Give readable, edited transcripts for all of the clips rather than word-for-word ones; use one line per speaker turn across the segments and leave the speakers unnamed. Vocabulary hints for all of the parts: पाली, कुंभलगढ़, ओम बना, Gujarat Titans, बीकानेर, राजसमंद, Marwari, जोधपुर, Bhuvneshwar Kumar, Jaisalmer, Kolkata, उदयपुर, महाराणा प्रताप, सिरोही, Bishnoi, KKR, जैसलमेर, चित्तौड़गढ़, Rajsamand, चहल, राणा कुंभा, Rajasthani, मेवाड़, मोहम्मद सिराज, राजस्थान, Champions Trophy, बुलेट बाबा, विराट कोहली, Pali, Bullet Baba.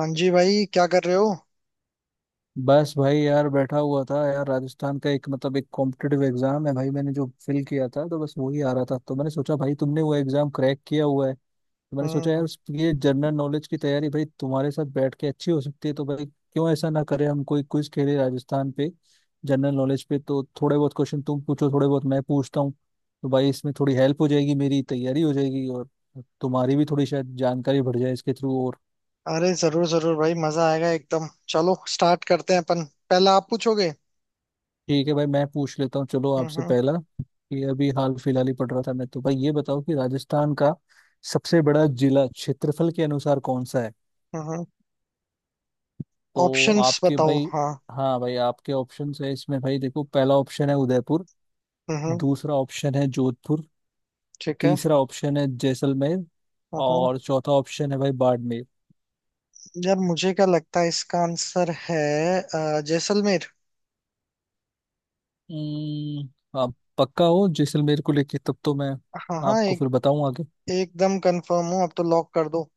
हाँ जी भाई, क्या कर रहे हो।
बस भाई यार बैठा हुआ था यार। राजस्थान का एक मतलब एक कॉम्पिटिटिव एग्जाम है भाई, मैंने जो फिल किया था, तो बस वही आ रहा था। तो मैंने सोचा भाई तुमने वो एग्जाम क्रैक किया हुआ है, तो मैंने सोचा यार
हम्म।
ये जनरल नॉलेज की तैयारी भाई तुम्हारे साथ बैठ के अच्छी हो सकती है। तो भाई क्यों ऐसा ना करें, हम कोई क्विज खेले राजस्थान पे, जनरल नॉलेज पे। तो थोड़े बहुत क्वेश्चन तुम पूछो, थोड़े बहुत मैं पूछता हूँ। तो भाई इसमें थोड़ी हेल्प हो जाएगी, मेरी तैयारी हो जाएगी और तुम्हारी भी थोड़ी शायद जानकारी बढ़ जाए इसके थ्रू।
अरे जरूर जरूर भाई, मजा आएगा एकदम। चलो स्टार्ट करते हैं अपन। पहला आप पूछोगे।
ठीक है भाई, मैं पूछ लेता हूँ। चलो आपसे
हम्म।
पहला कि अभी हाल फिलहाल ही पढ़ रहा था मैं, तो भाई ये बताओ कि राजस्थान का सबसे बड़ा जिला क्षेत्रफल के अनुसार कौन सा है।
हम्म।
तो
ऑप्शंस
आपके
बताओ,
भाई,
हाँ।
हाँ भाई आपके ऑप्शंस है इसमें भाई, देखो पहला ऑप्शन है उदयपुर,
हम्म।
दूसरा ऑप्शन है जोधपुर,
ठीक है।
तीसरा ऑप्शन है जैसलमेर,
हम्म।
और चौथा ऑप्शन है भाई बाड़मेर।
जब मुझे क्या लगता है इसका आंसर है जैसलमेर।
आप पक्का हो जैसलमेर को लेके, तब तो मैं
हाँ हाँ,
आपको
एक
फिर बताऊं आगे।
एकदम कंफर्म हूँ, अब तो लॉक कर दो।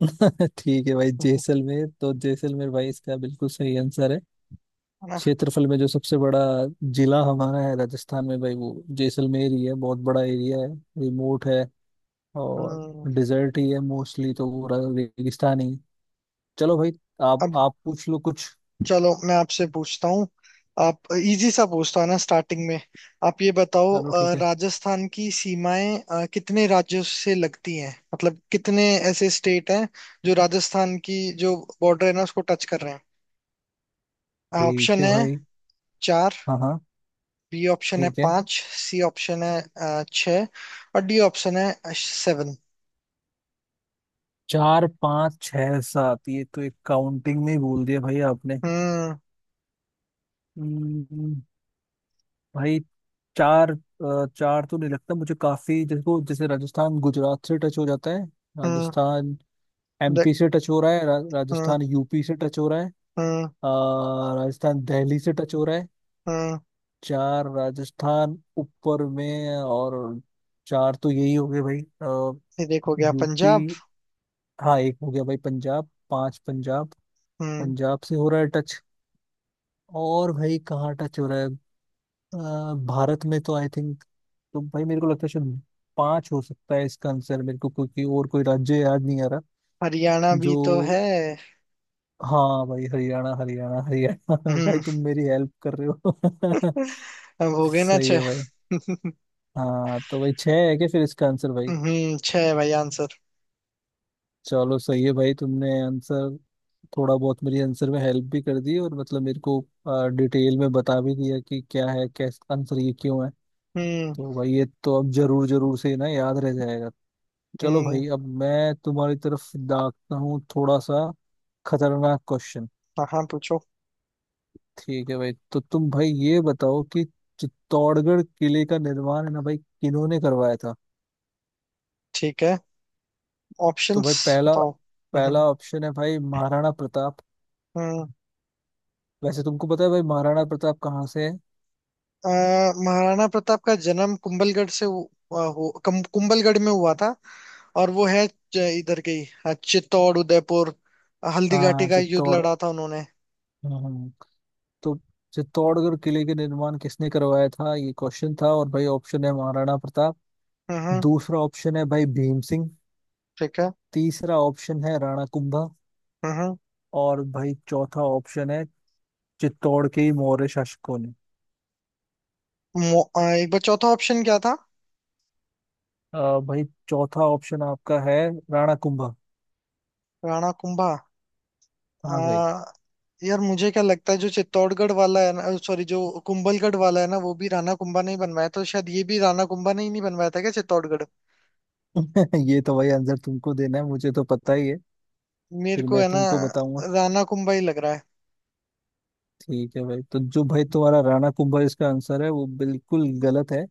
ठीक है भाई, जैसलमेर तो जैसलमेर भाई, इसका बिल्कुल सही आंसर है। क्षेत्रफल में जो सबसे बड़ा जिला हमारा है राजस्थान में भाई, वो जैसलमेर ही है। बहुत बड़ा एरिया है, रिमोट है, और
हम्म।
डिजर्ट ही है मोस्टली। तो वो रेगिस्तान ही है। चलो भाई, आप
अब
आप पूछ लो कुछ।
चलो मैं आपसे पूछता हूँ। आप इजी सा पूछता हूँ ना स्टार्टिंग में। आप ये बताओ,
चलो ठीक है।
राजस्थान की सीमाएं कितने राज्यों से लगती हैं, मतलब कितने ऐसे स्टेट हैं जो राजस्थान की जो बॉर्डर है ना उसको टच कर रहे हैं।
ठीक
ऑप्शन
है
है
भाई।
चार।
हाँ हाँ।
बी ऑप्शन है
ठीक है।
पांच। सी ऑप्शन है छह। और डी ऑप्शन है सेवन।
चार पाँच छः सात, ये तो एक काउंटिंग में ही बोल दिया भाई आपने।
हम्म।
हम्म, भाई चार तो नहीं लगता मुझे। काफी जैसे जैसे राजस्थान गुजरात से टच हो जाता है।
हम्म।
राजस्थान
देख।
एमपी से टच हो रहा है,
हम्म।
राजस्थान यूपी से टच हो रहा है।
हम्म।
अ, राजस्थान दिल्ली से टच हो रहा है।
हम्म।
चार राजस्थान ऊपर में, और चार तो यही हो गए भाई।
ये देखो गया
यूपी।
पंजाब।
हाँ एक हो गया भाई पंजाब, पांच पंजाब।
हम्म।
पंजाब से हो रहा है टच। और भाई कहाँ टच हो रहा है? अ, भारत में तो आई थिंक, तो भाई मेरे को लगता है शायद पांच हो सकता है इसका आंसर, मेरे को क्योंकि और कोई राज्य याद नहीं आ रहा
हरियाणा भी
जो।
तो है।
हाँ भाई हरियाणा हरियाणा हरियाणा, भाई
हम्म।
तुम मेरी हेल्प कर रहे हो।
अब हो गए ना
सही
छह?
है भाई। हाँ, तो भाई छह है क्या फिर इसका आंसर भाई?
हम्म, छह है भाई आंसर।
चलो सही है भाई, तुमने आंसर थोड़ा बहुत मेरी आंसर में हेल्प भी कर दी, और मतलब मेरे को डिटेल में बता भी दिया कि क्या है, कैसे आंसर ये क्यों है।
हम्म।
तो भाई ये तो अब जरूर जरूर से ना याद रह जाएगा। चलो
हम्म।
भाई, अब मैं तुम्हारी तरफ दागता हूँ थोड़ा सा खतरनाक क्वेश्चन।
हाँ, पूछो।
ठीक है भाई, तो तुम भाई ये बताओ कि चित्तौड़गढ़ किले का निर्माण है ना भाई किन्होंने करवाया था?
ठीक है।
तो
ऑप्शंस
भाई पहला
बताओ। हम्म।
पहला ऑप्शन है भाई महाराणा प्रताप।
हम्म।
वैसे तुमको पता है भाई महाराणा प्रताप कहाँ से है?
अ, महाराणा प्रताप का जन्म कुंभलगढ़ से हु- अ, हु- कम- कुंभलगढ़ में हुआ था। और वो है इधर के ही, चित्तौड़ उदयपुर। हल्दीघाटी
हाँ
का युद्ध
चित्तौड़।
लड़ा था उन्होंने।
हम्म, तो चित्तौड़गढ़ किले के निर्माण किसने करवाया था, ये क्वेश्चन था। और भाई ऑप्शन है महाराणा प्रताप,
हम्म।
दूसरा ऑप्शन है भाई भीम सिंह,
ठीक है।
तीसरा ऑप्शन है राणा कुंभा,
हम्म।
और भाई चौथा ऑप्शन है चित्तौड़ के ही मौर्य शासकों ने।
एक बार चौथा ऑप्शन क्या था?
अ, भाई चौथा ऑप्शन आपका है राणा कुंभा।
राणा कुंभा।
हाँ भाई।
यार मुझे क्या लगता है जो चित्तौड़गढ़ वाला है ना, सॉरी, जो कुंभलगढ़ वाला है ना, वो भी राणा कुंभा ने ही बनवाया, तो शायद ये भी राणा कुंभा ने ही नहीं बनवाया था क्या, चित्तौड़गढ़?
ये तो भाई आंसर तुमको देना है, मुझे तो पता ही है,
मेरे
फिर
को
मैं
है ना,
तुमको बताऊंगा।
राणा कुंभा ही लग रहा है।
ठीक है भाई, तो जो भाई तुम्हारा राणा कुंभा इसका आंसर है, वो बिल्कुल गलत है।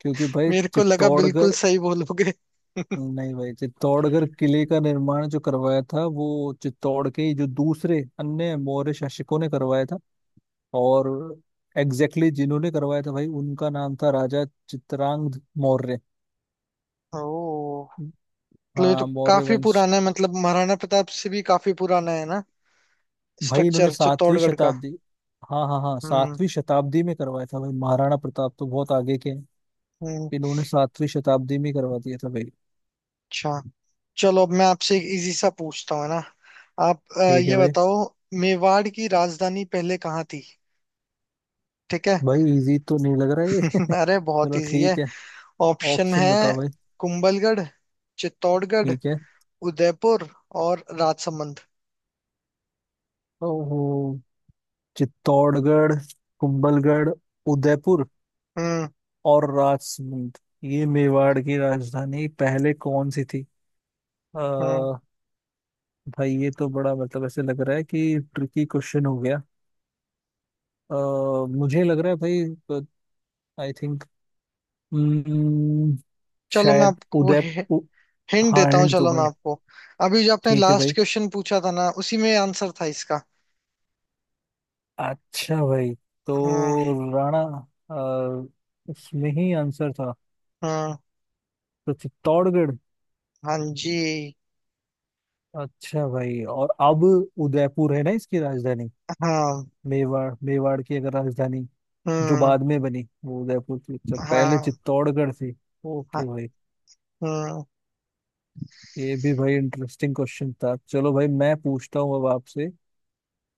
क्योंकि भाई
मेरे को लगा
चित्तौड़गढ़,
बिल्कुल सही बोलोगे।
नहीं भाई, चित्तौड़गढ़ किले का निर्माण जो करवाया था, वो चित्तौड़ के ही जो दूसरे अन्य मौर्य शासकों ने करवाया था। और एग्जैक्टली exactly जिन्होंने करवाया था भाई, उनका नाम था राजा चित्रांगद मौर्य।
ओ, मतलब ये तो
हाँ मौर्य
काफी
वंश।
पुराना है, मतलब महाराणा प्रताप से भी काफी पुराना है ना,
भाई इन्होंने
स्ट्रक्चर
सातवीं
चित्तौड़गढ़ का।
शताब्दी, हाँ हाँ हाँ,
हम्म।
सातवीं शताब्दी में करवाया था भाई, महाराणा प्रताप तो बहुत आगे के हैं।
हम्म।
इन्होंने सातवीं शताब्दी में करवा दिया था भाई।
अच्छा। चलो अब मैं आपसे एक इजी सा पूछता हूँ है ना। आप
ठीक है
ये
भाई।
बताओ, मेवाड़ की राजधानी पहले कहाँ थी? ठीक है।
भाई इजी तो नहीं लग रहा है ये।
अरे बहुत
चलो
इजी है।
ठीक है,
ऑप्शन
ऑप्शन
है
बताओ भाई।
कुंभलगढ़, चित्तौड़गढ़,
ठीक है।
उदयपुर और राजसमंद।
ओहो, चित्तौड़गढ़, कुंभलगढ़, उदयपुर
हम्म।
और राजसमंद, ये मेवाड़ की राजधानी पहले कौन सी थी। आ,
हम्म।
भाई ये तो बड़ा मतलब ऐसे लग रहा है कि ट्रिकी क्वेश्चन हो गया। अ मुझे लग रहा है भाई, आई थिंक, हम्म,
चलो मैं
शायद
आपको
उदयपुर।
हिंट
हाँ
देता हूँ,
एंड तो
चलो मैं
भाई,
आपको अभी जो आपने
ठीक है
लास्ट
भाई,
क्वेश्चन पूछा था ना उसी में आंसर था इसका।
अच्छा भाई,
हम्म।
तो राणा, अ, उसमें ही आंसर था,
हम्म।
तो चित्तौड़गढ़।
हाँ जी।
अच्छा भाई, और अब उदयपुर है ना इसकी राजधानी।
हाँ।
मेवाड़ मेवाड़ की अगर राजधानी जो
हम्म।
बाद में बनी वो उदयपुर थी, अच्छा पहले
हाँ।
चित्तौड़गढ़ थी।
हाँ,
ओके भाई,
हम्म।
ये भी भाई इंटरेस्टिंग क्वेश्चन था। चलो भाई मैं पूछता हूँ अब आपसे,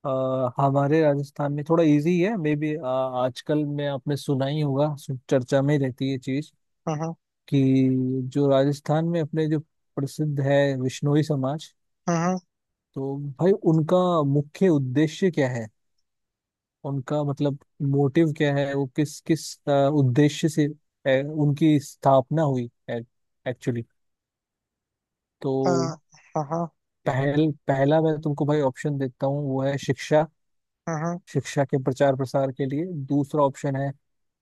हमारे राजस्थान में थोड़ा इजी है मे बी, आजकल में आपने सुना ही होगा, चर्चा में रहती है चीज,
हम्म।
कि जो राजस्थान में अपने जो प्रसिद्ध है विश्नोई समाज,
हम्म।
तो भाई उनका मुख्य उद्देश्य क्या है, उनका मतलब मोटिव क्या है, वो किस किस उद्देश्य से उनकी स्थापना हुई एक्चुअली। तो
हाँ। हाँ।
पहला मैं तुमको भाई ऑप्शन देता हूँ, वो है शिक्षा,
हाँ।
शिक्षा के प्रचार प्रसार के लिए। दूसरा ऑप्शन है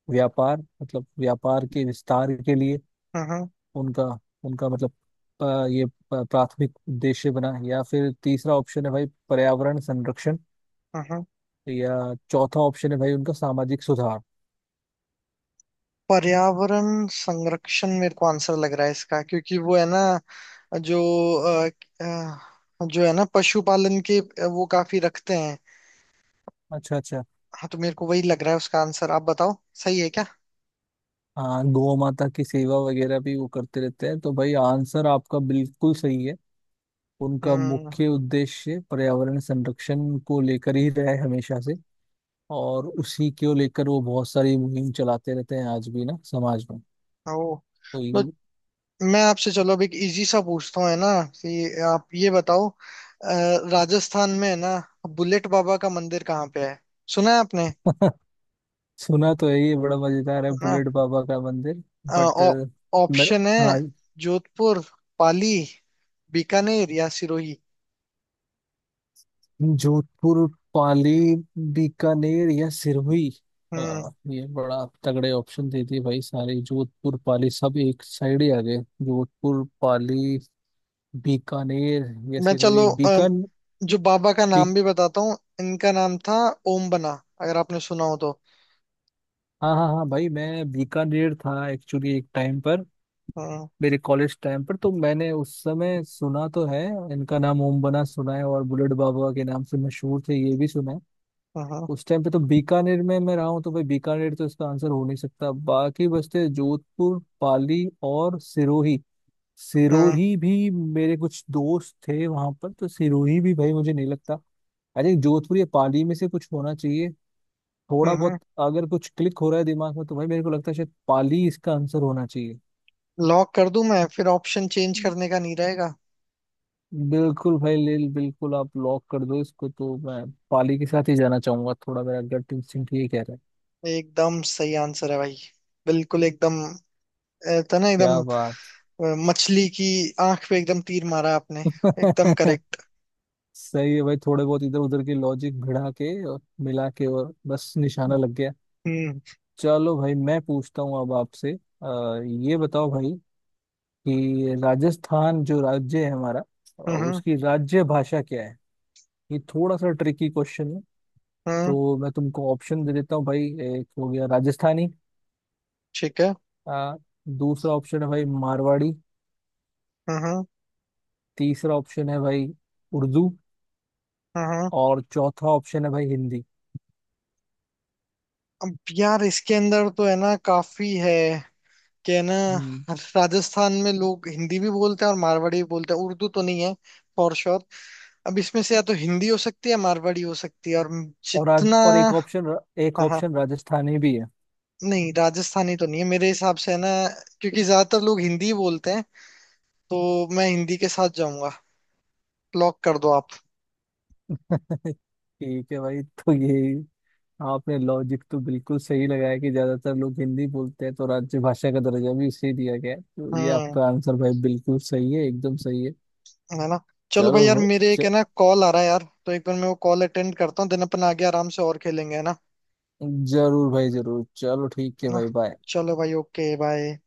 व्यापार, मतलब व्यापार के विस्तार के लिए
हाँ। हाँ।
उनका, उनका मतलब, ये प्राथमिक उद्देश्य बना। या फिर तीसरा ऑप्शन है भाई पर्यावरण संरक्षण,
हाँ।
या चौथा ऑप्शन है भाई उनका सामाजिक सुधार।
पर्यावरण संरक्षण मेरे को आंसर लग रहा है इसका, क्योंकि वो है ना, जो अ, अ, जो है ना पशुपालन के वो काफी रखते हैं।
अच्छा अच्छा।
हाँ, तो मेरे को वही लग रहा है उसका आंसर, आप बताओ सही है क्या?
हाँ, गौ माता की सेवा वगैरह भी वो करते रहते हैं, तो भाई आंसर आपका बिल्कुल सही है। उनका
हम्म।
मुख्य उद्देश्य पर्यावरण संरक्षण को लेकर ही रहा है हमेशा से, और उसी को लेकर वो बहुत सारी मुहिम चलाते रहते हैं आज भी ना समाज में।
ओ।
तो
तो मैं आपसे चलो अब एक इजी सा पूछता हूँ है ना कि आप ये बताओ राजस्थान में है ना बुलेट बाबा का मंदिर कहाँ पे है? सुना है आपने है
सुना तो है, ये बड़ा मजेदार है
ना?
बुलेट बाबा का मंदिर,
अ,
बट
ऑ-
मेरा,
ऑप्शन है
हाँ,
जोधपुर, पाली, बीकानेर या सिरोही।
जोधपुर पाली बीकानेर या सिरहुई।
हम्म।
ये बड़ा तगड़े ऑप्शन दे दिए भाई सारे, जोधपुर पाली सब एक साइड ही आ गए। जोधपुर पाली बीकानेर या
मैं
सिरहुई,
चलो
बीकान
जो बाबा का
बीक
नाम भी बताता हूँ, इनका नाम था ओम बना, अगर आपने सुना हो तो।
हाँ हाँ हाँ भाई, मैं बीकानेर था एक्चुअली एक टाइम पर,
हम्म।
मेरे कॉलेज टाइम पर, तो मैंने उस समय सुना तो है। इनका नाम ओम बना सुना है, और बुलेट बाबा के नाम से मशहूर थे ये भी सुना है।
हम्म।
उस टाइम पे तो बीकानेर में मैं रहा हूँ, तो भाई बीकानेर तो इसका आंसर हो नहीं सकता। बाकी बचते जोधपुर पाली और सिरोही।
हम्म।
सिरोही भी, मेरे कुछ दोस्त थे वहां पर, तो सिरोही भी भाई मुझे नहीं लगता। आई थिंक जोधपुर या पाली में से कुछ होना चाहिए। थोड़ा बहुत
हम्म।
अगर कुछ क्लिक हो रहा है दिमाग में, तो भाई मेरे को लगता है शायद पाली इसका आंसर होना चाहिए।
लॉक कर दूं मैं, फिर ऑप्शन चेंज करने का नहीं रहेगा।
बिल्कुल भाई, लिल बिल्कुल आप लॉक कर दो इसको, तो मैं पाली के साथ ही जाना चाहूंगा, थोड़ा मेरा गट इंस्टिंक्ट ये कह रहा है।
एकदम सही आंसर है भाई। बिल्कुल एकदम था ना एकदम।
क्या बात।
मछली की आंख पे एकदम तीर मारा आपने, एकदम करेक्ट।
सही है भाई, थोड़े बहुत इधर उधर के लॉजिक भिड़ा के और मिला के, और बस निशाना लग गया।
हम्म।
चलो भाई मैं पूछता हूँ अब आपसे, ये बताओ भाई कि राजस्थान जो राज्य है हमारा,
हम्म।
उसकी राज्य भाषा क्या है। ये थोड़ा सा ट्रिकी क्वेश्चन है।
हम्म।
तो मैं तुमको ऑप्शन दे देता हूँ भाई, एक हो गया राजस्थानी,
ठीक है।
आ, दूसरा ऑप्शन है भाई मारवाड़ी,
हम्म। हम्म।
तीसरा ऑप्शन है भाई उर्दू,
हम्म।
और चौथा ऑप्शन है भाई हिंदी।
अब यार इसके अंदर तो है ना काफी है कि है ना,
हम्म,
राजस्थान में लोग हिंदी भी बोलते हैं और मारवाड़ी भी बोलते हैं, उर्दू तो नहीं है फॉर श्योर। अब इसमें से या तो हिंदी हो सकती है या मारवाड़ी हो सकती है, और
और आज
जितना।
और एक ऑप्शन, एक
हाँ हाँ।
ऑप्शन राजस्थानी भी है।
नहीं, राजस्थानी तो नहीं है मेरे हिसाब से है ना, क्योंकि ज्यादातर लोग हिंदी ही बोलते हैं, तो मैं हिंदी के साथ जाऊंगा, लॉक कर दो आप।
ठीक है भाई, तो ये आपने लॉजिक तो बिल्कुल सही लगाया कि ज्यादातर लोग हिंदी बोलते हैं, तो राज्य भाषा का दर्जा भी उसे दिया गया है, तो ये
हम्म।
आपका आंसर भाई बिल्कुल सही है, एकदम सही है।
है ना? चलो भाई
चलो
यार,
भ-
मेरे
च,
एक है ना कॉल आ रहा है यार, तो एक बार मैं वो कॉल अटेंड करता हूँ, देन अपन आगे आराम से और खेलेंगे है ना?
जरूर भाई जरूर, चलो ठीक है
है ना?
भाई, बाय।
चलो भाई, ओके बाय।